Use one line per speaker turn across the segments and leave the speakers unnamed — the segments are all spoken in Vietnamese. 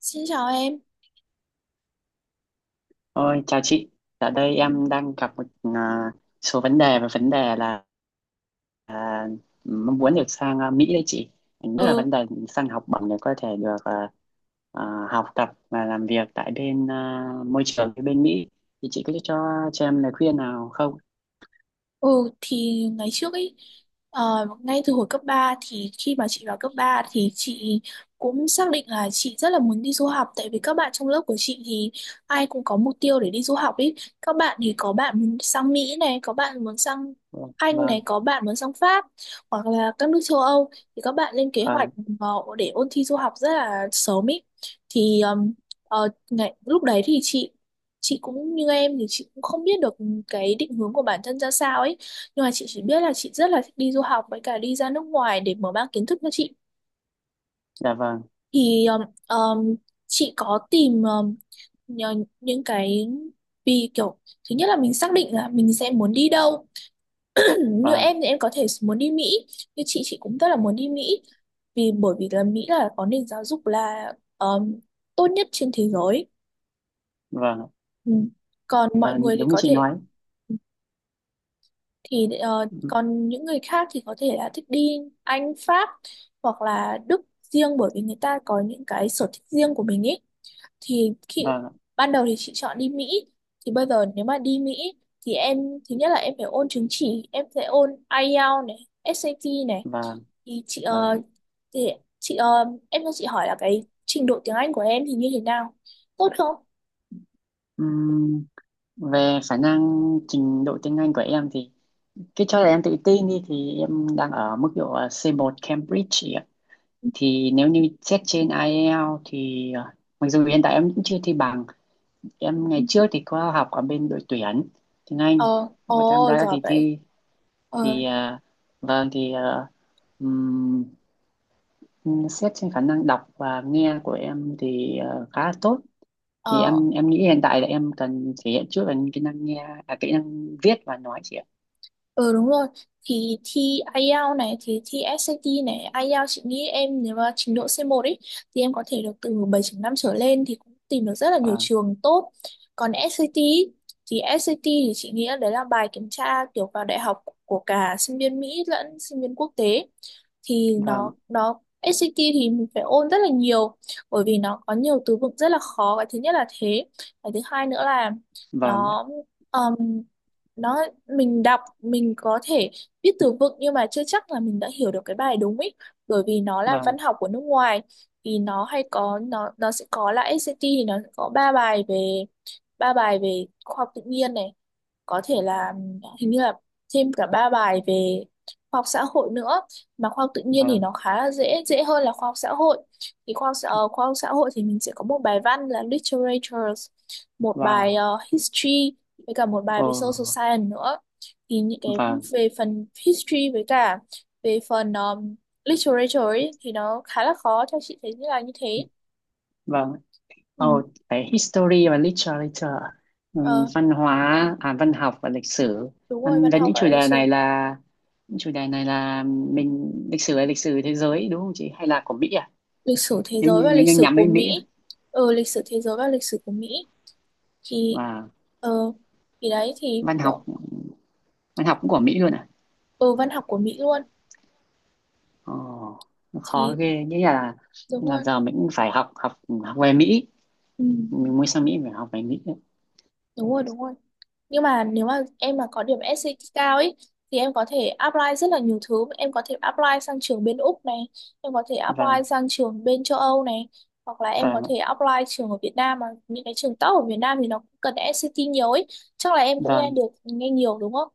Xin chào em.
Ôi, chào chị. Ở đây em đang gặp một à, số vấn đề và vấn đề là à, mong muốn được sang Mỹ đấy chị. Nhất là vấn
Ừ,
đề sang học bổng để có thể được học tập và làm việc tại bên môi trường cái bên Mỹ. Thì chị có cho em lời khuyên nào không?
ừ thì ngày trước ấy, ngay từ hồi cấp 3 thì khi mà chị vào cấp 3 thì chị cũng xác định là chị rất là muốn đi du học, tại vì các bạn trong lớp của chị thì ai cũng có mục tiêu để đi du học ấy. Các bạn thì có bạn muốn sang Mỹ này, có bạn muốn sang
Vâng,
Anh
vâng,
này, có bạn muốn sang Pháp hoặc là các nước châu Âu, thì các bạn lên kế hoạch
vâng,
ờ, để ôn thi du học rất là sớm ấy. Thì ờm, lúc đấy thì chị cũng như em, thì chị cũng không biết được cái định hướng của bản thân ra sao ấy, nhưng mà chị chỉ biết là chị rất là thích đi du học với cả đi ra nước ngoài để mở mang kiến thức cho chị.
dạ vâng,
Thì um, chị có tìm nhờ- những cái, vì kiểu thứ nhất là mình xác định là mình sẽ muốn đi đâu. Như
vâng,
em thì em có thể muốn đi Mỹ, như chị cũng rất là muốn đi Mỹ, vì bởi vì là Mỹ là có nền giáo dục là um, tốt nhất trên thế giới.
vâng,
Ừ, còn mọi
vâng,
người thì
đúng như
có
chị
thể,
nói.
thì còn những người khác thì có thể là thích đi Anh, Pháp hoặc là Đức riêng, bởi vì người ta có những cái sở thích riêng của mình ấy. Thì khi
Vâng,
ban đầu thì chị chọn đi Mỹ, thì bây giờ nếu mà đi Mỹ thì em, thứ nhất là em phải ôn chứng chỉ, em sẽ ôn IELTS này, SAT này.
vâng,
thì chị
vâng.
ờ, thì em cho chị hỏi là cái trình độ tiếng Anh của em thì như thế nào, tốt không?
Ừm, Về khả năng trình độ tiếng Anh của em thì cái cho là em tự tin đi thì em đang ở mức độ C1 Cambridge chị ạ.
Ừ.
Thì nếu như xét trên IELTS thì mặc dù hiện tại em cũng chưa thi bằng, em ngày trước thì có học ở bên đội tuyển tiếng Anh,
ờ
có tham
ồ,
gia các
giỏi
kỳ
vậy.
thi
ờ
thì vâng thì xét trên khả năng đọc và nghe của em thì khá là tốt. Thì
ờ
em nghĩ hiện tại là em cần thể hiện trước là kỹ năng nghe, kỹ năng viết và nói chị ạ.
Ừ, đúng rồi. Thì thi IELTS này, thì thi SAT này, IELTS chị nghĩ em nếu mà trình độ c một ấy thì em có thể được từ 7 năm trở lên thì cũng tìm được rất là nhiều
Vâng,
trường tốt. Còn SAT ý, thì SAT thì chị nghĩ là đấy là bài kiểm tra kiểu vào đại học của cả sinh viên Mỹ lẫn sinh viên quốc tế. Thì nó
vâng,
nó SAT thì mình phải ôn rất là nhiều, bởi vì nó có nhiều từ vựng rất là khó, cái thứ nhất là thế. Cái thứ hai nữa là
vâng,
nó nó, mình đọc mình có thể viết từ vựng nhưng mà chưa chắc là mình đã hiểu được cái bài đúng ý, bởi vì nó là
vâng,
văn học của nước ngoài. Thì nó sẽ có là SAT thì nó sẽ có ba bài về, ba bài về khoa học tự nhiên này, có thể là hình như là thêm cả ba bài về khoa học xã hội nữa. Mà khoa học tự nhiên thì
vâng.
nó khá là dễ dễ hơn là khoa học xã hội. Thì khoa học xã hội thì mình sẽ có một bài văn là literatures, một bài
Wow.
history, với cả một bài
Ồ,
về social science nữa. Thì những cái
vâng,
về phần history với cả về phần literature ấy, thì nó khá là khó, theo chị thấy như là như thế.
vâng.
Ừ.
Ồ, cái history và literature,
Ờ,
văn hóa, văn học và lịch sử.
đúng rồi,
Ăn
văn
với
học
những chủ
và lịch
đề
sử.
này là những chủ đề này là mình lịch sử là lịch sử thế giới đúng không chị? Hay là của Mỹ à?
Lịch sử thế
Nếu
giới
như
và
nếu
lịch
như
sử
nhắm
của
đến Mỹ à?
Mỹ. Ừ, lịch sử thế giới và lịch sử của Mỹ. Thì
Và
ờ, thì đấy thì
văn học
kiểu,
văn học cũng của Mỹ luôn à?
ừ, văn học của Mỹ luôn.
Ồ, nó khó
Thì
ghê. Nghĩa là
đúng
là
rồi.
giờ mình cũng phải học học học về Mỹ.
ừ,
Mình muốn sang Mỹ phải học về Mỹ.
đúng rồi đúng rồi. Nhưng mà nếu mà em mà có điểm SAT cao ấy thì em có thể apply rất là nhiều thứ, em có thể apply sang trường bên Úc này, em có thể apply
Vâng,
sang trường bên châu Âu này, hoặc là em có
vâng, ạ.
thể apply trường ở Việt Nam, mà những cái trường top ở Việt Nam thì nó cũng cần SAT nhiều ấy. Chắc là em cũng
Vâng.
nghe nhiều đúng không?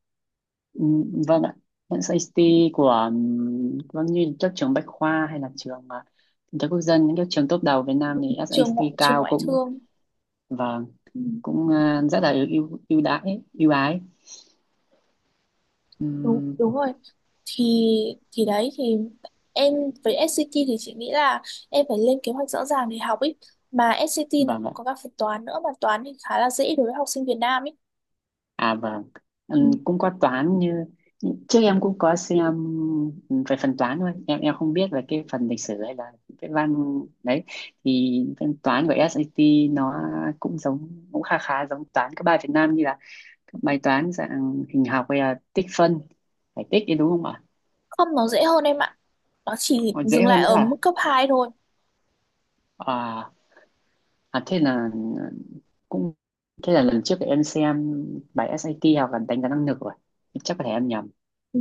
Ừ, vâng ạ. Hiện SAT của vâng như các trường Bách Khoa hay là trường kinh tế quốc dân những các trường top đầu Việt Nam thì SAT
Trường
cao
ngoại
cũng
thương.
và
Ừ,
cũng rất là ưu ưu ưu đãi ưu ái.
đúng
Ừm,
đúng rồi. Thì thì đấy thì em, với SCT thì chị nghĩ là em phải lên kế hoạch rõ ràng để học ấy. Mà SCT nó
vâng
cũng
ạ.
có các phần toán nữa, mà toán thì khá là dễ đối với học sinh Việt Nam ấy.
À vâng.
Ừ.
Cũng có toán như trước em cũng có xem về phần toán thôi em không biết về cái phần lịch sử hay là cái văn đấy. Thì phần toán của SAT nó cũng giống cũng khá khá giống toán các bài Việt Nam, như là các bài toán dạng hình học hay là tích phân giải tích đấy đúng không ạ?
Không, nó dễ hơn em ạ, nó chỉ
Còn dễ
dừng lại
hơn nữa
ở
à?
mức cấp 2 thôi.
à, thế là cũng thế là lần trước thì em xem bài SAT hoặc là đánh giá năng lực rồi, chắc có thể em nhầm.
Ừ,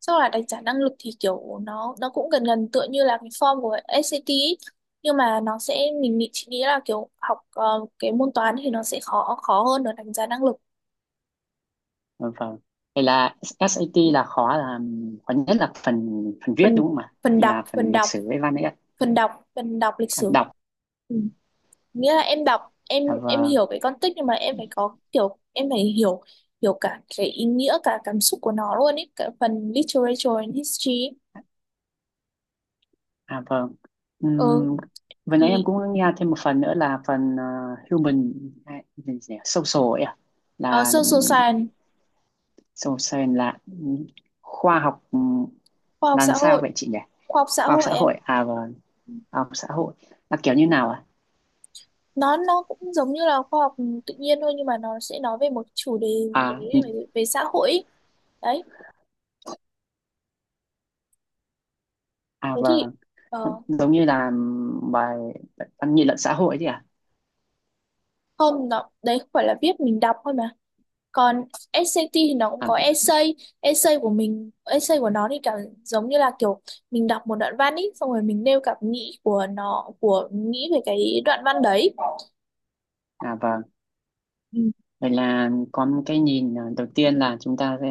sau là đánh giá năng lực thì kiểu nó cũng gần gần tựa như là cái form của SAT ý. Nhưng mà nó sẽ, mình nghĩ chị nghĩ là kiểu học, cái môn toán thì nó sẽ khó khó hơn ở đánh giá năng lực.
Vâng, vâng, vậy là SAT là khó nhất là phần phần viết
Phần
đúng không ạ,
Phần
như
đọc,
là phần lịch sử với văn ấy ạ?
phần đọc lịch
Phần
sử.
đọc.
Ừ, nghĩa là em đọc, em
À
em
vâng.
hiểu cái con tích, nhưng mà em phải có kiểu em phải hiểu hiểu cả cái ý nghĩa, cả cảm xúc của nó luôn ấy, cả phần literature and history ấy.
À vâng.
Ừ,
Ừm, Vừa
thì
nãy em cũng nghe thêm một phần nữa là phần human gì nhỉ? Social ấy ạ.
ờ,
Là
social science,
Social Science là khoa học,
khoa học
là làm
xã
sao
hội.
vậy chị nhỉ?
khoa học xã
Khoa học
hội
xã
em,
hội à, vâng, khoa học xã hội là kiểu như nào à?
nó cũng giống như là khoa học tự nhiên thôi, nhưng mà nó sẽ nói về một chủ đề gì
À,
đấy về, về xã hội ấy. Đấy.
à
Thế thì,
vâng,
ờ,
giống như là bài văn nghị luận xã hội chứ à?
không, nó đấy không phải là viết, mình đọc thôi mà, còn SAT thì nó cũng
À,
có essay. Essay của mình Essay của nó thì cảm, giống như là kiểu mình đọc một đoạn văn ý, xong rồi mình nêu cảm nghĩ của nó của nghĩ về cái đoạn văn đấy.
à vâng,
Ừ.
vậy là có một cái nhìn, đầu tiên là chúng ta sẽ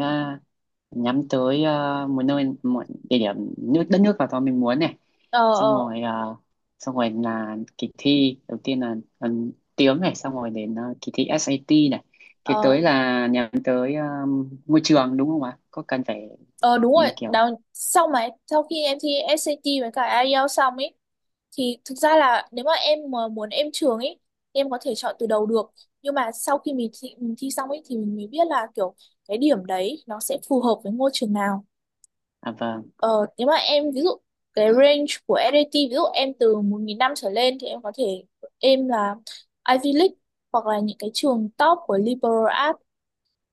nhắm tới một nơi, một địa điểm nước đất nước nào đó mình muốn này,
ờ
xong
ờ
rồi xong rồi là kỳ thi đầu tiên là tiếng này, xong rồi đến kỳ thi ét A SAT này, kế tới
ờ
là nhắm tới môi trường đúng không ạ, có cần phải
Ờ, đúng rồi
nhìn kiểu.
đó. Sau khi em thi SAT với cả IELTS xong ấy, thì thực ra là nếu mà em mà muốn em trường ấy, em có thể chọn từ đầu được, nhưng mà sau khi mình thi xong ấy thì mình mới biết là kiểu cái điểm đấy nó sẽ phù hợp với ngôi trường nào.
À vâng,
Ờ, nếu mà em ví dụ cái range của SAT ví dụ em từ 1.500 trở lên thì em có thể em là Ivy League hoặc là những cái trường top của liberal arts.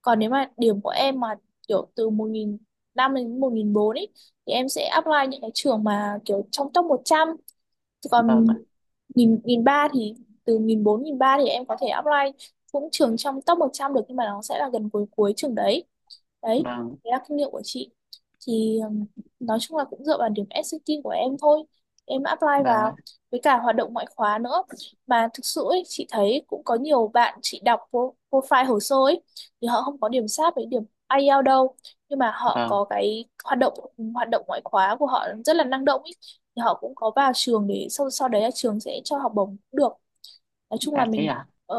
Còn nếu mà điểm của em mà kiểu từ 1.500 đến 1.400 ấy thì em sẽ apply những cái trường mà kiểu trong top 100. Thì còn
vâng ạ,
1.300 thì, từ 1.400, 1.300 thì em có thể apply cũng trường trong top 100 được, nhưng mà nó sẽ là gần cuối cuối trường đấy. Đấy,
vâng,
đấy là kinh nghiệm của chị. Thì nói chung là cũng dựa vào điểm SAT của em thôi, em apply
vâng ạ,
vào, với cả hoạt động ngoại khóa nữa. Mà thực sự ấy, chị thấy cũng có nhiều bạn, chị đọc profile hồ sơ ấy, thì họ không có điểm sát với điểm IELTS đâu, nhưng mà họ
vâng.
có cái hoạt động ngoại khóa của họ rất là năng động ấy, thì họ cũng có vào trường để sau sau đấy là trường sẽ cho học bổng cũng được. Nói chung là
Đã thế
mình,
à?
ờ,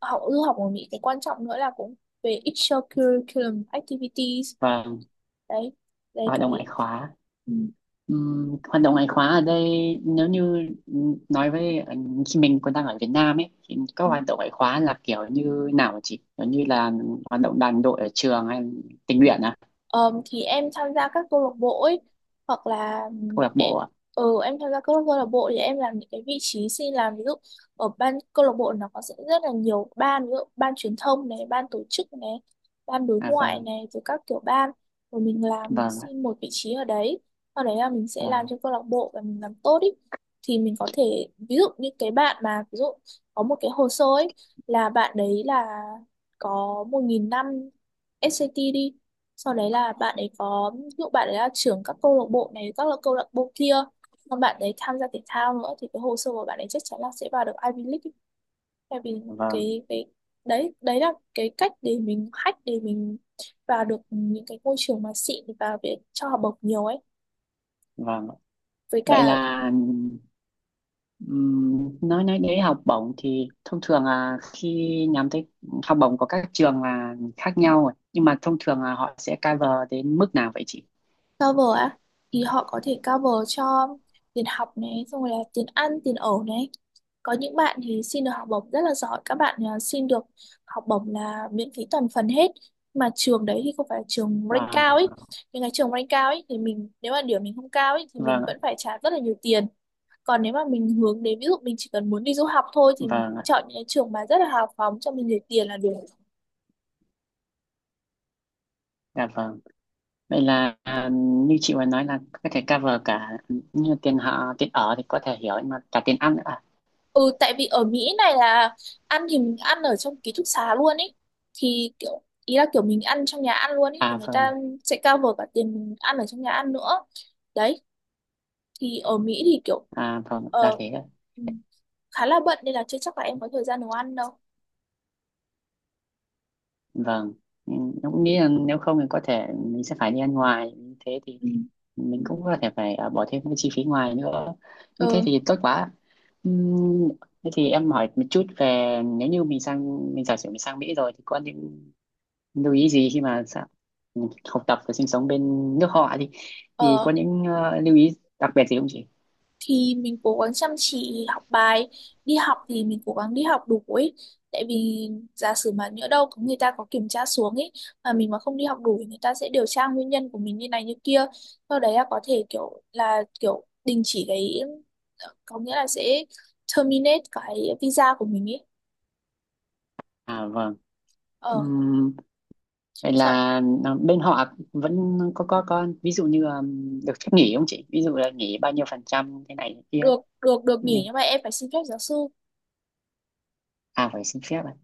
học du học ở Mỹ cái quan trọng nữa là cũng về extracurriculum activities.
Vâng.
Đấy. Đấy
Hoạt
cái
đồng ngoại khóa.
Ừ.
Hoạt động ngoại khóa ở đây nếu như nói với khi mình còn đang ở Việt Nam ấy thì các hoạt động ngoại khóa là kiểu như nào hả chị, kiểu như là hoạt động đoàn đội ở trường hay tình nguyện à?
Thì em tham gia các câu lạc bộ ấy, hoặc là
Câu lạc bộ
em,
à?
ừ, em tham gia các câu lạc bộ thì em làm những cái vị trí xin làm, ví dụ ở ban câu lạc bộ nó có sẽ rất là nhiều ban, ví dụ ban truyền thông này, ban tổ chức này, ban đối
À
ngoại
vâng,
này, rồi các kiểu ban, rồi mình làm, mình
vâng,
xin một vị trí ở đấy, sau đấy là mình sẽ làm
vâng,
cho câu lạc bộ và mình làm tốt ý. Thì mình có thể ví dụ như cái bạn mà ví dụ có một cái hồ sơ ấy, là bạn đấy là có 1500 SAT đi, sau đấy là bạn ấy có, ví dụ bạn ấy là trưởng các câu lạc bộ này, các là câu lạc bộ kia, còn bạn ấy tham gia thể thao nữa, thì cái hồ sơ của bạn ấy chắc chắn là sẽ vào được Ivy League ấy. Tại vì
vâng,
cái đấy, đấy là cái cách để mình hack để mình vào được những cái môi trường mà xịn và để cho học bổng nhiều ấy.
vâng.
Với
Vậy
cả,
là nói đến học bổng thì thông thường là khi nhắm tới học bổng của các trường là khác nhau rồi. Nhưng mà thông thường là họ sẽ cover đến mức nào vậy chị?
cover á, thì họ có thể cover cho tiền học này, xong rồi là tiền ăn tiền ở này. Có những bạn thì xin được học bổng rất là giỏi, các bạn xin được học bổng là miễn phí toàn phần hết, mà trường đấy thì không phải là trường rank
Vâng,
cao ấy. Những cái trường rank cao ấy thì mình nếu mà điểm mình không cao ấy thì mình
vâng ạ,
vẫn phải trả rất là nhiều tiền. Còn nếu mà mình hướng đến ví dụ mình chỉ cần muốn đi du học thôi thì mình
vâng ạ,
chọn những cái trường mà rất là hào phóng cho mình để tiền là được.
dạ vâng. Vậy là như chị vừa nói là có thể cover cả như tiền họ tiền ở thì có thể hiểu, nhưng mà cả tiền ăn nữa à?
Ừ, tại vì ở Mỹ này là ăn thì mình ăn ở trong ký túc xá luôn ấy, thì kiểu ý là kiểu mình ăn trong nhà ăn luôn ấy thì
À
người ta
vâng,
sẽ cover cả tiền mình ăn ở trong nhà ăn nữa. Đấy, thì ở Mỹ thì kiểu
à vâng, là
ờ,
thế ạ.
ừ, khá là bận nên là chưa chắc là em có thời gian nấu ăn đâu.
Vâng. Ừ, em cũng nghĩ là nếu không thì có thể mình sẽ phải đi ăn ngoài, như thế thì
Ừ. Ừ.
mình cũng có thể phải bỏ thêm cái chi phí ngoài nữa. Như thế
Ờ,
thì tốt quá. Ừm, Thế thì em hỏi một chút, về nếu như mình sang mình giả sử mình sang Mỹ rồi thì có những lưu ý gì khi mà học tập và sinh sống bên nước họ đi, thì có
ờ.
những lưu ý đặc biệt gì không chị?
Thì mình cố gắng chăm chỉ học bài, đi học thì mình cố gắng đi học đủ ấy, tại vì giả sử mà nhỡ đâu có người ta có kiểm tra xuống ấy mà mình mà không đi học đủ thì người ta sẽ điều tra nguyên nhân của mình như này như kia, sau đấy là có thể kiểu là kiểu đình chỉ cái, có nghĩa là sẽ terminate cái visa của mình ấy.
À vâng.
ờ
Ừm, Vậy
Sợ.
là bên họ vẫn có ví dụ như được phép nghỉ không chị, ví dụ là nghỉ bao nhiêu phần trăm thế này thế kia ấy?
Được, được nghỉ
Nhưng-
nhưng mà em phải xin phép giáo sư.
à phải xin phép à?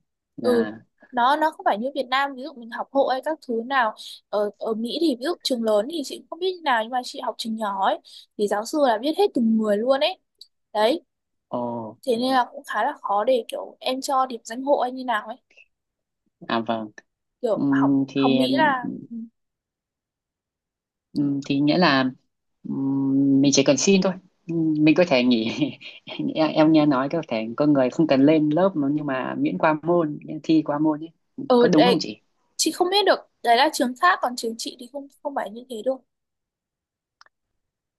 Ừ,
Là
nó không phải như Việt Nam ví dụ mình học hộ hay các thứ nào. Ở ở Mỹ thì ví dụ trường lớn thì chị cũng không biết như nào, nhưng mà chị học trường nhỏ ấy thì giáo sư là biết hết từng người luôn ấy. Đấy,
ồ.
thế nên là cũng khá là khó để kiểu em cho điểm danh hộ hay như nào ấy.
À vâng.
Kiểu học
Ừm,
học
thì
Mỹ là ừ.
Thì nghĩa là mình chỉ cần xin thôi. Mình có thể nghỉ. Em nghe nói có thể có người không cần lên lớp mà nhưng mà miễn qua môn, miễn thi qua môn ấy,
Ừ,
có đúng không
đấy.
chị?
Chị không biết được, đấy là trường khác, còn trường chị thì không không phải như thế đâu.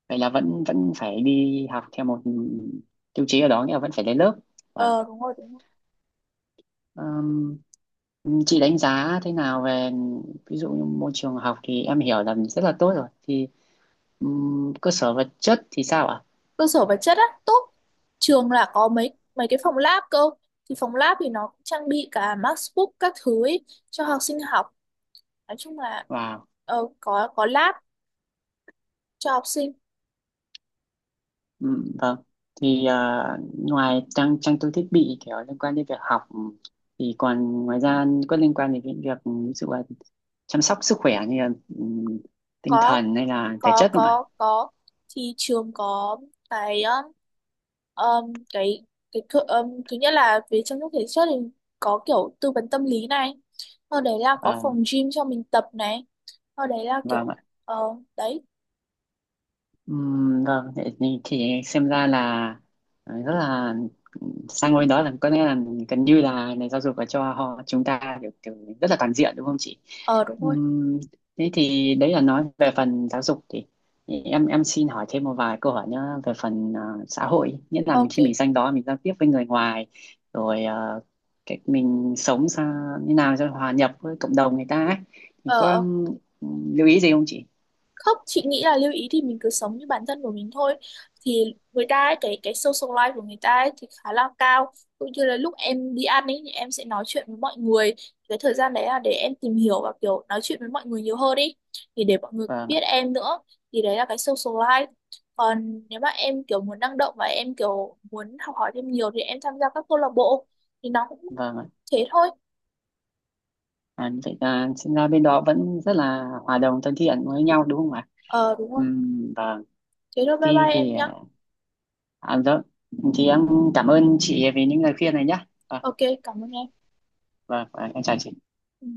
Vậy là vẫn vẫn phải đi học theo một tiêu chí ở đó, nghĩa là vẫn phải lên lớp. Vâng.
Ờ, đúng rồi, đúng rồi.
Chị đánh giá thế nào về ví dụ như môi trường học thì em hiểu là rất là tốt rồi, thì cơ sở vật chất thì sao ạ?
Cơ sở vật chất á? Tốt. Trường là có mấy mấy cái phòng lab cơ, thì phòng lab thì nó cũng trang bị cả MacBook các thứ ấy, cho học sinh học. Nói chung là
Wow.
có lab cho học sinh.
Ừ, vâng. Thì ngoài trang trang bị thiết bị kiểu liên quan đến việc học thì còn ngoài ra có liên quan đến cái việc, ví dụ là chăm sóc sức khỏe như là ừ, tinh
có
thần hay là thể chất không ạ?
có, thì trường có cái um, cái thứ nhất là về chăm sóc thể chất thì có kiểu tư vấn tâm lý này, sau đấy là có
Ờ,
phòng gym cho mình tập này, sau đấy là
vâng
kiểu
ạ.
ờ. Đấy.
Vâng, vậy thì xem ra là rất là, sang ngôi đó là có nghĩa là gần như là nền giáo dục là cho họ chúng ta kiểu rất là toàn diện đúng không chị?
Ờ đúng rồi.
Ừm, Thế thì đấy là nói về phần giáo dục, thì em xin hỏi thêm một vài câu hỏi nữa về phần xã hội, nghĩa là mình,
Ok.
khi mình sang đó mình giao tiếp với người ngoài rồi cách mình sống sao như nào cho hòa nhập với cộng đồng người ta ấy. Thì
ờ
có
ờ
lưu ý gì không chị?
Không, chị nghĩ là lưu ý thì mình cứ sống như bản thân của mình thôi. Thì người ta ấy, cái social life của người ta ấy thì khá là cao, cũng như là lúc em đi ăn ấy thì em sẽ nói chuyện với mọi người, cái thời gian đấy là để em tìm hiểu và kiểu nói chuyện với mọi người nhiều hơn đi, thì để mọi người
Vâng ạ,
biết em nữa. Thì đấy là cái social life. Còn nếu mà em kiểu muốn năng động và em kiểu muốn học hỏi thêm nhiều thì em tham gia các câu lạc bộ thì nó cũng
vâng ạ.
thế thôi.
À, như vậy là sinh ra bên đó vẫn rất là hòa đồng thân thiện với nhau đúng không ạ?
Ờ đúng rồi.
Vâng.
Thế thôi, bye
Thì
bye em
thì
nhá.
vâng. Thì em cảm ơn chị vì những lời khuyên này nhé. Vâng,
Ok, cảm ơn em.
vâng, vâng, em chào chị.
Ừ.